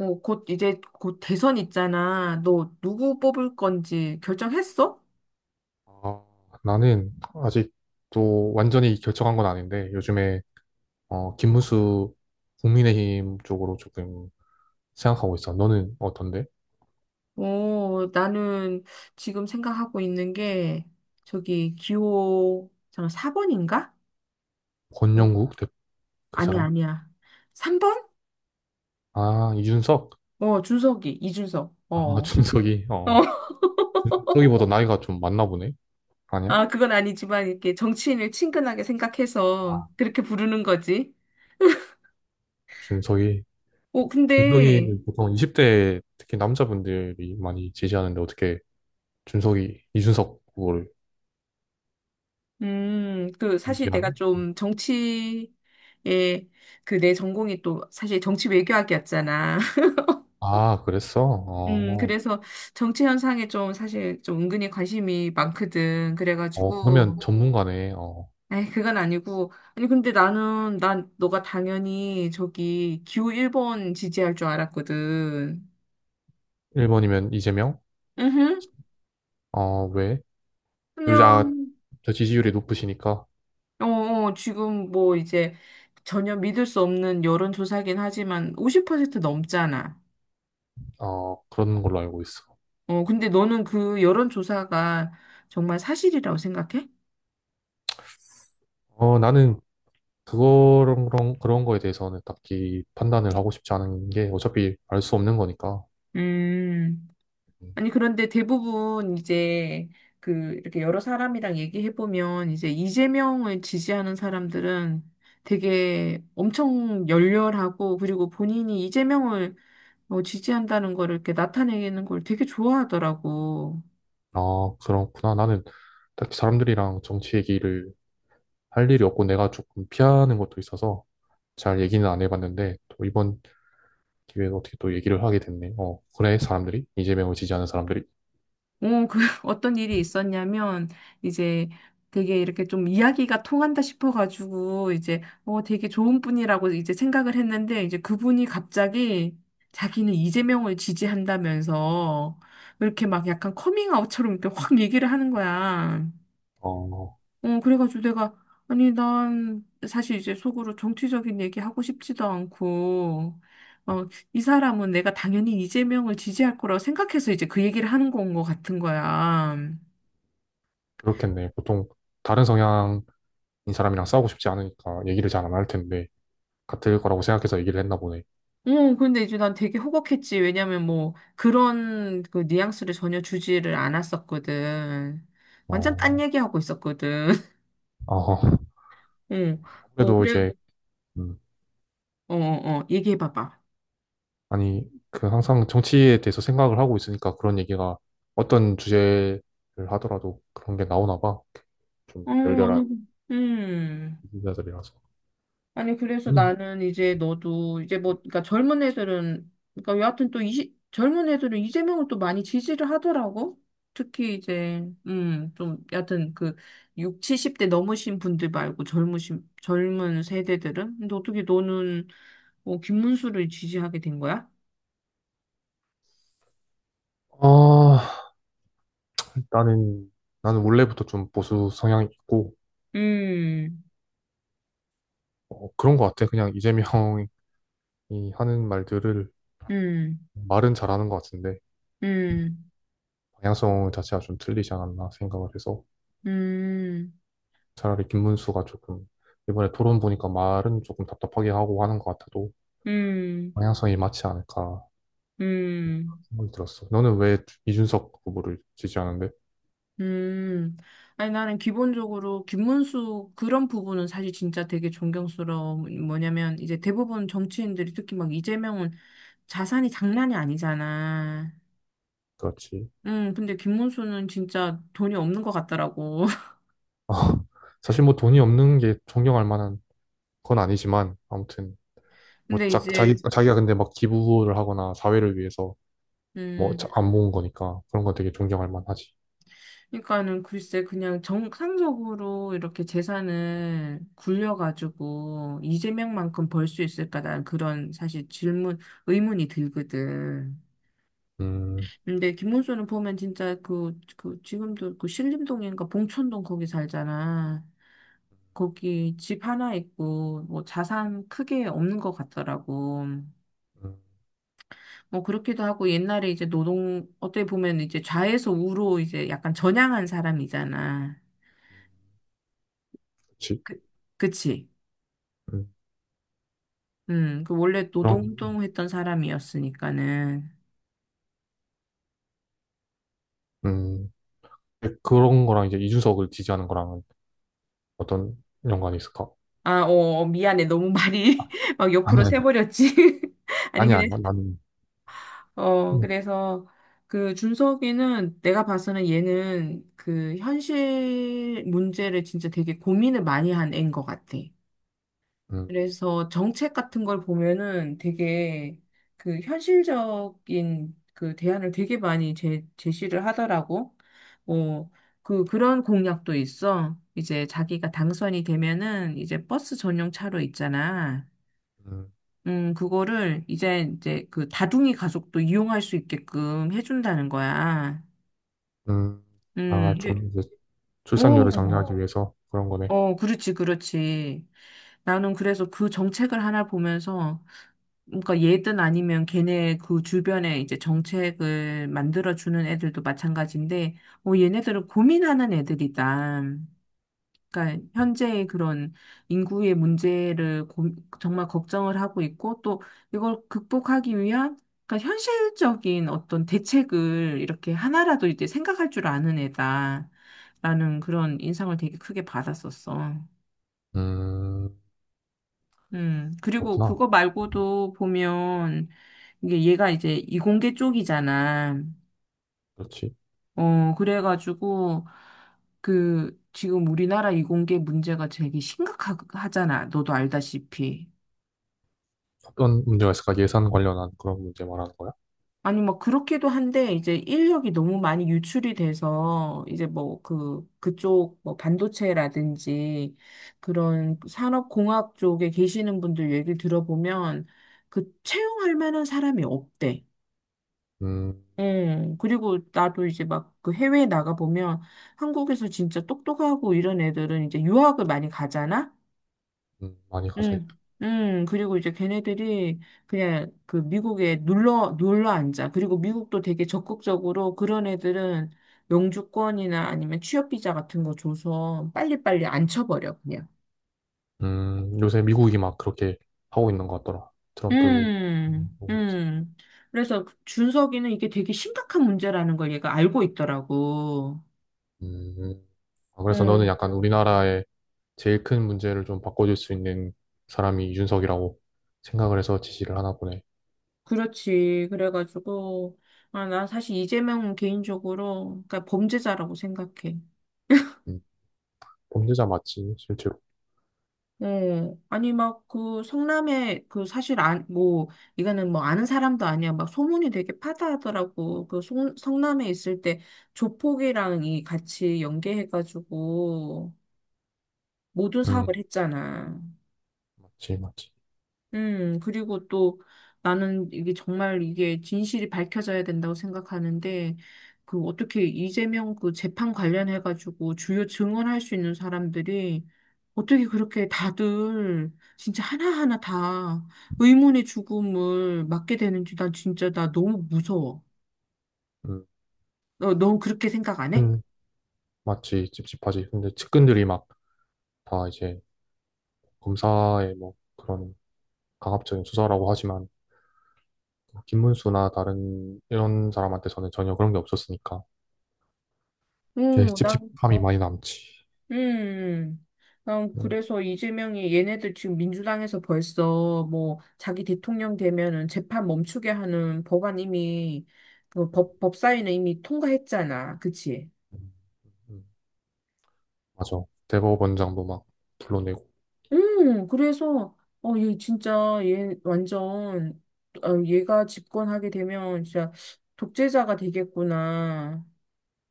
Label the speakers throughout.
Speaker 1: 어, 곧 이제 곧 대선 있잖아. 너 누구 뽑을 건지 결정했어?
Speaker 2: 아, 나는 아직도 완전히 결정한 건 아닌데 요즘에 김문수 국민의힘 쪽으로 조금 생각하고 있어. 너는 어떤데?
Speaker 1: 어, 나는 지금 생각하고 있는 게 저기 기호 잠깐 4번인가? 어,
Speaker 2: 권영국 대- 그
Speaker 1: 아니야,
Speaker 2: 사람?
Speaker 1: 아니야. 3번?
Speaker 2: 아 이준석?
Speaker 1: 어, 준석이, 이준석. 어.
Speaker 2: 아
Speaker 1: 어,
Speaker 2: 준석이 어 준석이보다 나이가 좀 많나 보네. 아니야?
Speaker 1: 아, 그건 아니지만 이렇게 정치인을 친근하게 생각해서
Speaker 2: 아
Speaker 1: 그렇게 부르는 거지.
Speaker 2: 준석이
Speaker 1: 어,
Speaker 2: 준석이
Speaker 1: 근데
Speaker 2: 보통 20대 특히 남자분들이 많이 지지하는데 어떻게 준석이 이준석 후보를
Speaker 1: 그, 사실 내가
Speaker 2: 지지하니? 음.
Speaker 1: 좀 정치에, 그 내 전공이 또 사실 정치 외교학이었잖아.
Speaker 2: 아 그랬어? 어,
Speaker 1: 그래서 정치 현상에 좀 사실 좀 은근히 관심이 많거든.
Speaker 2: 어 그러면
Speaker 1: 그래가지고,
Speaker 2: 전문가네. 어.
Speaker 1: 에이, 그건 아니고. 아니, 근데 난 너가 당연히 저기 기호 1번 지지할 줄 알았거든.
Speaker 2: 1번이면 이재명?
Speaker 1: 으흠,
Speaker 2: 어, 왜? 요즘, 아,
Speaker 1: 그냥,
Speaker 2: 저 지지율이 높으시니까,
Speaker 1: 어, 어, 지금 뭐 이제 전혀 믿을 수 없는 여론조사긴 하지만 50% 넘잖아.
Speaker 2: 어, 그런 걸로 알고 있어.
Speaker 1: 어, 근데 너는 그 여론조사가 정말 사실이라고 생각해?
Speaker 2: 어, 나는 그런 거에 대해서는 딱히 판단을 하고 싶지 않은 게 어차피 알 수 없는 거니까.
Speaker 1: 음,
Speaker 2: 음.
Speaker 1: 아니, 그런데 대부분 이제 그 이렇게 여러 사람이랑 얘기해보면 이제 이재명을 지지하는 사람들은 되게 엄청 열렬하고 그리고 본인이 이재명을 어, 지지한다는 거를 이렇게 나타내는 걸 되게 좋아하더라고.
Speaker 2: 아, 그렇구나. 나는 딱히 사람들이랑 정치 얘기를 할 일이 없고 내가 조금 피하는 것도 있어서 잘 얘기는 안 해봤는데 또 이번 기회에 어떻게 또 얘기를 하게 됐네. 어, 그래, 사람들이? 이재명을 지지하는 사람들이?
Speaker 1: 어, 그, 어떤 일이 있었냐면, 이제 되게 이렇게 좀 이야기가 통한다 싶어가지고, 이제, 어, 되게 좋은 분이라고 이제 생각을 했는데, 이제 그분이 갑자기 자기는 이재명을 지지한다면서, 이렇게 막 약간 커밍아웃처럼 이렇게 확 얘기를 하는 거야.
Speaker 2: 어,
Speaker 1: 어, 그래가지고 내가, 아니, 난 사실 이제 속으로 정치적인 얘기 하고 싶지도 않고, 어, 이 사람은 내가 당연히 이재명을 지지할 거라고 생각해서 이제 그 얘기를 하는 건 것 같은 거야.
Speaker 2: 그렇겠네. 보통 다른 성향 이 사람이랑 싸우고 싶지 않으니까 얘기를 잘 안 할 텐데 같을 거라고 생각해서 얘기를 했나 보네.
Speaker 1: 어, 근데 이제 난 되게 호걱했지. 왜냐면 뭐, 그런 그 뉘앙스를 전혀 주지를 않았었거든. 완전 딴
Speaker 2: 어,
Speaker 1: 얘기하고 있었거든.
Speaker 2: 아,
Speaker 1: 응, 뭐,
Speaker 2: 아무래도
Speaker 1: 그래,
Speaker 2: 이제 음,
Speaker 1: 어, 어, 어, 얘기해봐봐.
Speaker 2: 아니 그 항상 정치에 대해서 생각을 하고 있으니까 그런 얘기가 어떤 주제를 하더라도 그런 게 나오나 봐. 좀
Speaker 1: 어,
Speaker 2: 열렬한
Speaker 1: 아니,
Speaker 2: 인사들이라서
Speaker 1: 아니, 그래서
Speaker 2: 저는
Speaker 1: 나는 이제 너도 이제 뭐, 그러니까 젊은 애들은, 그러니까 여하튼 또 이, 젊은 애들은 이재명을 또 많이 지지를 하더라고. 특히 이제, 좀, 여하튼 그 6, 70대 넘으신 분들 말고 젊은 세대들은? 근데 어떻게 너는 뭐 김문수를 지지하게 된 거야?
Speaker 2: 아, 나는 나는 원래부터 좀 보수 성향이 있고
Speaker 1: 음,
Speaker 2: 그런 것 같아. 그냥 이재명이 하는 말들을
Speaker 1: 음,
Speaker 2: 말은 잘하는 것 같은데
Speaker 1: 음,
Speaker 2: 방향성 자체가 좀 틀리지 않았나 생각을 해서
Speaker 1: 음,
Speaker 2: 차라리 김문수가 조금 이번에 토론 보니까 말은 조금 답답하게 하고 하는 것 같아도
Speaker 1: 음,
Speaker 2: 방향성이 맞지 않을까
Speaker 1: 음.
Speaker 2: 생각이 들었어. 너는 왜 이준석 후보를 지지하는데?
Speaker 1: 음, 아니, 나는 기본적으로 김문수 그런 부분은 사실 진짜 되게 존경스러워. 뭐냐면, 이제 대부분 정치인들이 특히 막 이재명은 자산이 장난이 아니잖아.
Speaker 2: 그렇지.
Speaker 1: 근데 김문수는 진짜 돈이 없는 것 같더라고.
Speaker 2: 사실 뭐 돈이 없는 게 존경할 만한 건 아니지만 아무튼 뭐
Speaker 1: 근데
Speaker 2: 자, 자기
Speaker 1: 이제,
Speaker 2: 자기가 근데 막 기부를 하거나 사회를 위해서 뭐
Speaker 1: 음,
Speaker 2: 안 모은 거니까 그런 건 되게 존경할 만하지.
Speaker 1: 그러니까는 글쎄, 그냥 정상적으로 이렇게 재산을 굴려가지고 이재명만큼 벌 수 있을까? 난 그런 사실 질문, 의문이 들거든.
Speaker 2: 음,
Speaker 1: 근데 김문수는 보면 진짜 지금도 그 신림동인가 봉천동 거기 살잖아. 거기 집 하나 있고, 뭐 자산 크게 없는 것 같더라고.
Speaker 2: 음
Speaker 1: 뭐 그렇기도 하고, 옛날에 이제 어떻게 보면 이제 좌에서 우로 이제 약간 전향한 사람이잖아.
Speaker 2: 그렇지.
Speaker 1: 그, 그치?
Speaker 2: 음,
Speaker 1: 그 원래
Speaker 2: 그런
Speaker 1: 노동운동 했던 사람이었으니까는.
Speaker 2: 음 그런 거랑 이제 이준석을 지지하는 거랑은 어떤 연관이 있을까?
Speaker 1: 아, 어, 어, 미안해. 너무 말이 막
Speaker 2: 아니,
Speaker 1: 옆으로 새버렸지. 아니,
Speaker 2: 아니,
Speaker 1: 그냥
Speaker 2: 아니, 나는,
Speaker 1: 어,
Speaker 2: 음,
Speaker 1: 그래서 그 준석이는 내가 봐서는 얘는 그 현실 문제를 진짜 되게 고민을 많이 한 애인 것 같아.
Speaker 2: 음,
Speaker 1: 그래서 정책 같은 걸 보면은 되게 그 현실적인 그 대안을 되게 많이 제시를 하더라고. 어, 그, 그런 공약도 있어. 이제 자기가 당선이 되면은 이제 버스 전용 차로 있잖아.
Speaker 2: 음,
Speaker 1: 그거를 이제 그 다둥이 가족도 이용할 수 있게끔 해준다는 거야.
Speaker 2: 음. 아,
Speaker 1: 이게-
Speaker 2: 좀 이제 출산율을
Speaker 1: 오,
Speaker 2: 장려하기 위해서 그런 거네.
Speaker 1: 어, 그렇지, 그렇지. 나는 그래서 그 정책을 하나 보면서, 그러니까 얘든 아니면 걔네 그 주변에 이제 정책을 만들어주는 애들도 마찬가지인데, 어, 얘네들은 고민하는 애들이다. 그러니까 현재의 그런 인구의 문제를 고- 정말 걱정을 하고 있고 또 이걸 극복하기 위한 그러니까 현실적인 어떤 대책을 이렇게 하나라도 이제 생각할 줄 아는 애다라는 그런 인상을 되게 크게 받았었어.
Speaker 2: 음,
Speaker 1: 그리고
Speaker 2: 그렇구나.
Speaker 1: 그거 말고도 보면 이게 얘가 이제 이공계 쪽이잖아.
Speaker 2: 그렇지.
Speaker 1: 어, 그래가지고 그 지금 우리나라 이공계 문제가 되게 심각하잖아. 너도 알다시피.
Speaker 2: 어떤 문제가 있을까? 예산 관련한 그런 문제 말하는 거야?
Speaker 1: 아니, 뭐, 그렇기도 한데, 이제 인력이 너무 많이 유출이 돼서, 이제 뭐, 그쪽, 뭐, 반도체라든지, 그런 산업공학 쪽에 계시는 분들 얘기를 들어보면, 그, 채용할 만한 사람이 없대.
Speaker 2: 음,
Speaker 1: 응, 그리고 나도 이제 막 그 해외에 나가보면, 한국에서 진짜 똑똑하고 이런 애들은 이제 유학을 많이 가잖아?
Speaker 2: 많이 가져.
Speaker 1: 음, 그리고 이제 걔네들이 그냥 그 미국에 눌러 앉아. 그리고 미국도 되게 적극적으로 그런 애들은 영주권이나 아니면 취업비자 같은 거 줘서 빨리빨리 앉혀버려, 그냥.
Speaker 2: 요새 미국이 막 그렇게 하고 있는 것 같더라. 트럼프.
Speaker 1: 음, 음. 그래서 그 준석이는 이게 되게 심각한 문제라는 걸 얘가 알고 있더라고.
Speaker 2: 음, 아, 그래서 너는
Speaker 1: 음,
Speaker 2: 약간 우리나라의 제일 큰 문제를 좀 바꿔줄 수 있는 사람이 이준석이라고 생각을 해서 지시를 하나 보네.
Speaker 1: 그렇지. 그래가지고, 아, 나 사실 이재명은 개인적으로, 그러니까 범죄자라고 생각해.
Speaker 2: 음, 범죄자 맞지, 실제로.
Speaker 1: 네. 아니, 막, 그, 성남에, 그, 사실, 안, 뭐, 이거는 뭐, 아는 사람도 아니야. 막, 소문이 되게 파다하더라고. 그, 성남에 있을 때, 조폭이랑 이 같이 연계해가지고, 모든
Speaker 2: 음,
Speaker 1: 사업을 했잖아.
Speaker 2: 맞지, 맞지.
Speaker 1: 그리고 또 나는 이게 정말 이게 진실이 밝혀져야 된다고 생각하는데, 그 어떻게 이재명 그 재판 관련해가지고 주요 증언할 수 있는 사람들이 어떻게 그렇게 다들 진짜 하나하나 다 의문의 죽음을 맞게 되는지 난 진짜 나 너무 무서워.
Speaker 2: 음,
Speaker 1: 넌 그렇게 생각 안 해?
Speaker 2: 근, 맞지, 찝찝하지. 근데 측근들이 막 다 이제 검사의 뭐 그런 강압적인 수사라고 하지만 뭐 김문수나 다른 이런 사람한테서는 전혀 그런 게 없었으니까 되게
Speaker 1: 어, 나
Speaker 2: 찝찝함이 많이 남지.
Speaker 1: 음, 난
Speaker 2: 음,
Speaker 1: 그래서 이재명이 얘네들 지금 민주당에서 벌써 뭐 자기 대통령 되면은 재판 멈추게 하는 법안 이미 그 법사위는 이미 통과했잖아. 그치?
Speaker 2: 음, 음. 맞아. 대법원장도 막 불러내고,
Speaker 1: 그래서 어, 얘 진짜 얘 완전 어, 얘가 집권하게 되면 진짜 독재자가 되겠구나.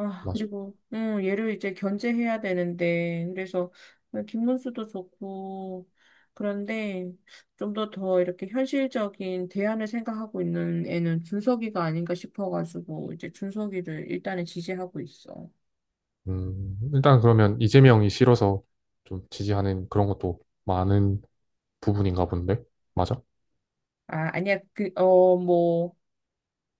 Speaker 1: 아,
Speaker 2: 맞아.
Speaker 1: 그리고, 얘를 이제 견제해야 되는데, 그래서, 김문수도 좋고, 그런데, 좀 더 이렇게 현실적인 대안을 생각하고 있는 애는 준석이가 아닌가 싶어가지고, 이제 준석이를 일단은 지지하고 있어.
Speaker 2: 일단 그러면 이재명이 싫어서 좀 지지하는 그런 것도 많은 부분인가 본데? 맞아?
Speaker 1: 아, 아니야, 그, 어, 뭐,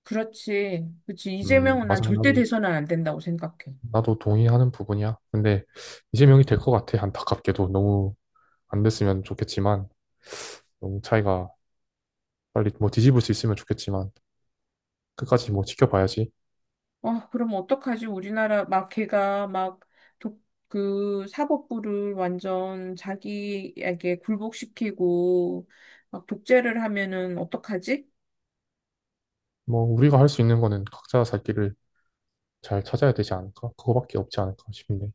Speaker 1: 그렇지. 그치. 이재명은 난
Speaker 2: 맞아.
Speaker 1: 절대
Speaker 2: 나도
Speaker 1: 돼서는 안 된다고 생각해.
Speaker 2: 나도 동의하는 부분이야. 근데 이재명이 될 것 같아. 안타깝게도 너무 안 됐으면 좋겠지만 너무 차이가 빨리 뭐 뒤집을 수 있으면 좋겠지만 끝까지 뭐 지켜봐야지.
Speaker 1: 아, 그럼 어떡하지? 우리나라 막 걔가 막 독, 그 사법부를 완전 자기에게 굴복시키고 막 독재를 하면은 어떡하지?
Speaker 2: 뭐 우리가 할 수 있는 거는 각자 살 길을 잘 찾아야 되지 않을까? 그거밖에 없지 않을까 싶네.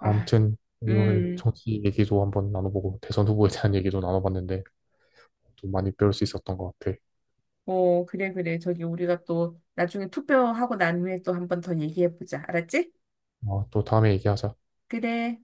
Speaker 1: 아,
Speaker 2: 오늘
Speaker 1: 음,
Speaker 2: 정치 얘기도 한번 나눠보고 대선 후보에 대한 얘기도 나눠봤는데 또 많이 배울 수 있었던 것 같아.
Speaker 1: 어, 그래, 그래. 저기 우리가 또 나중에 투표하고 난 후에 또 한번 더 얘기해보자. 알았지?
Speaker 2: 어, 또 다음에 얘기하자.
Speaker 1: 그래.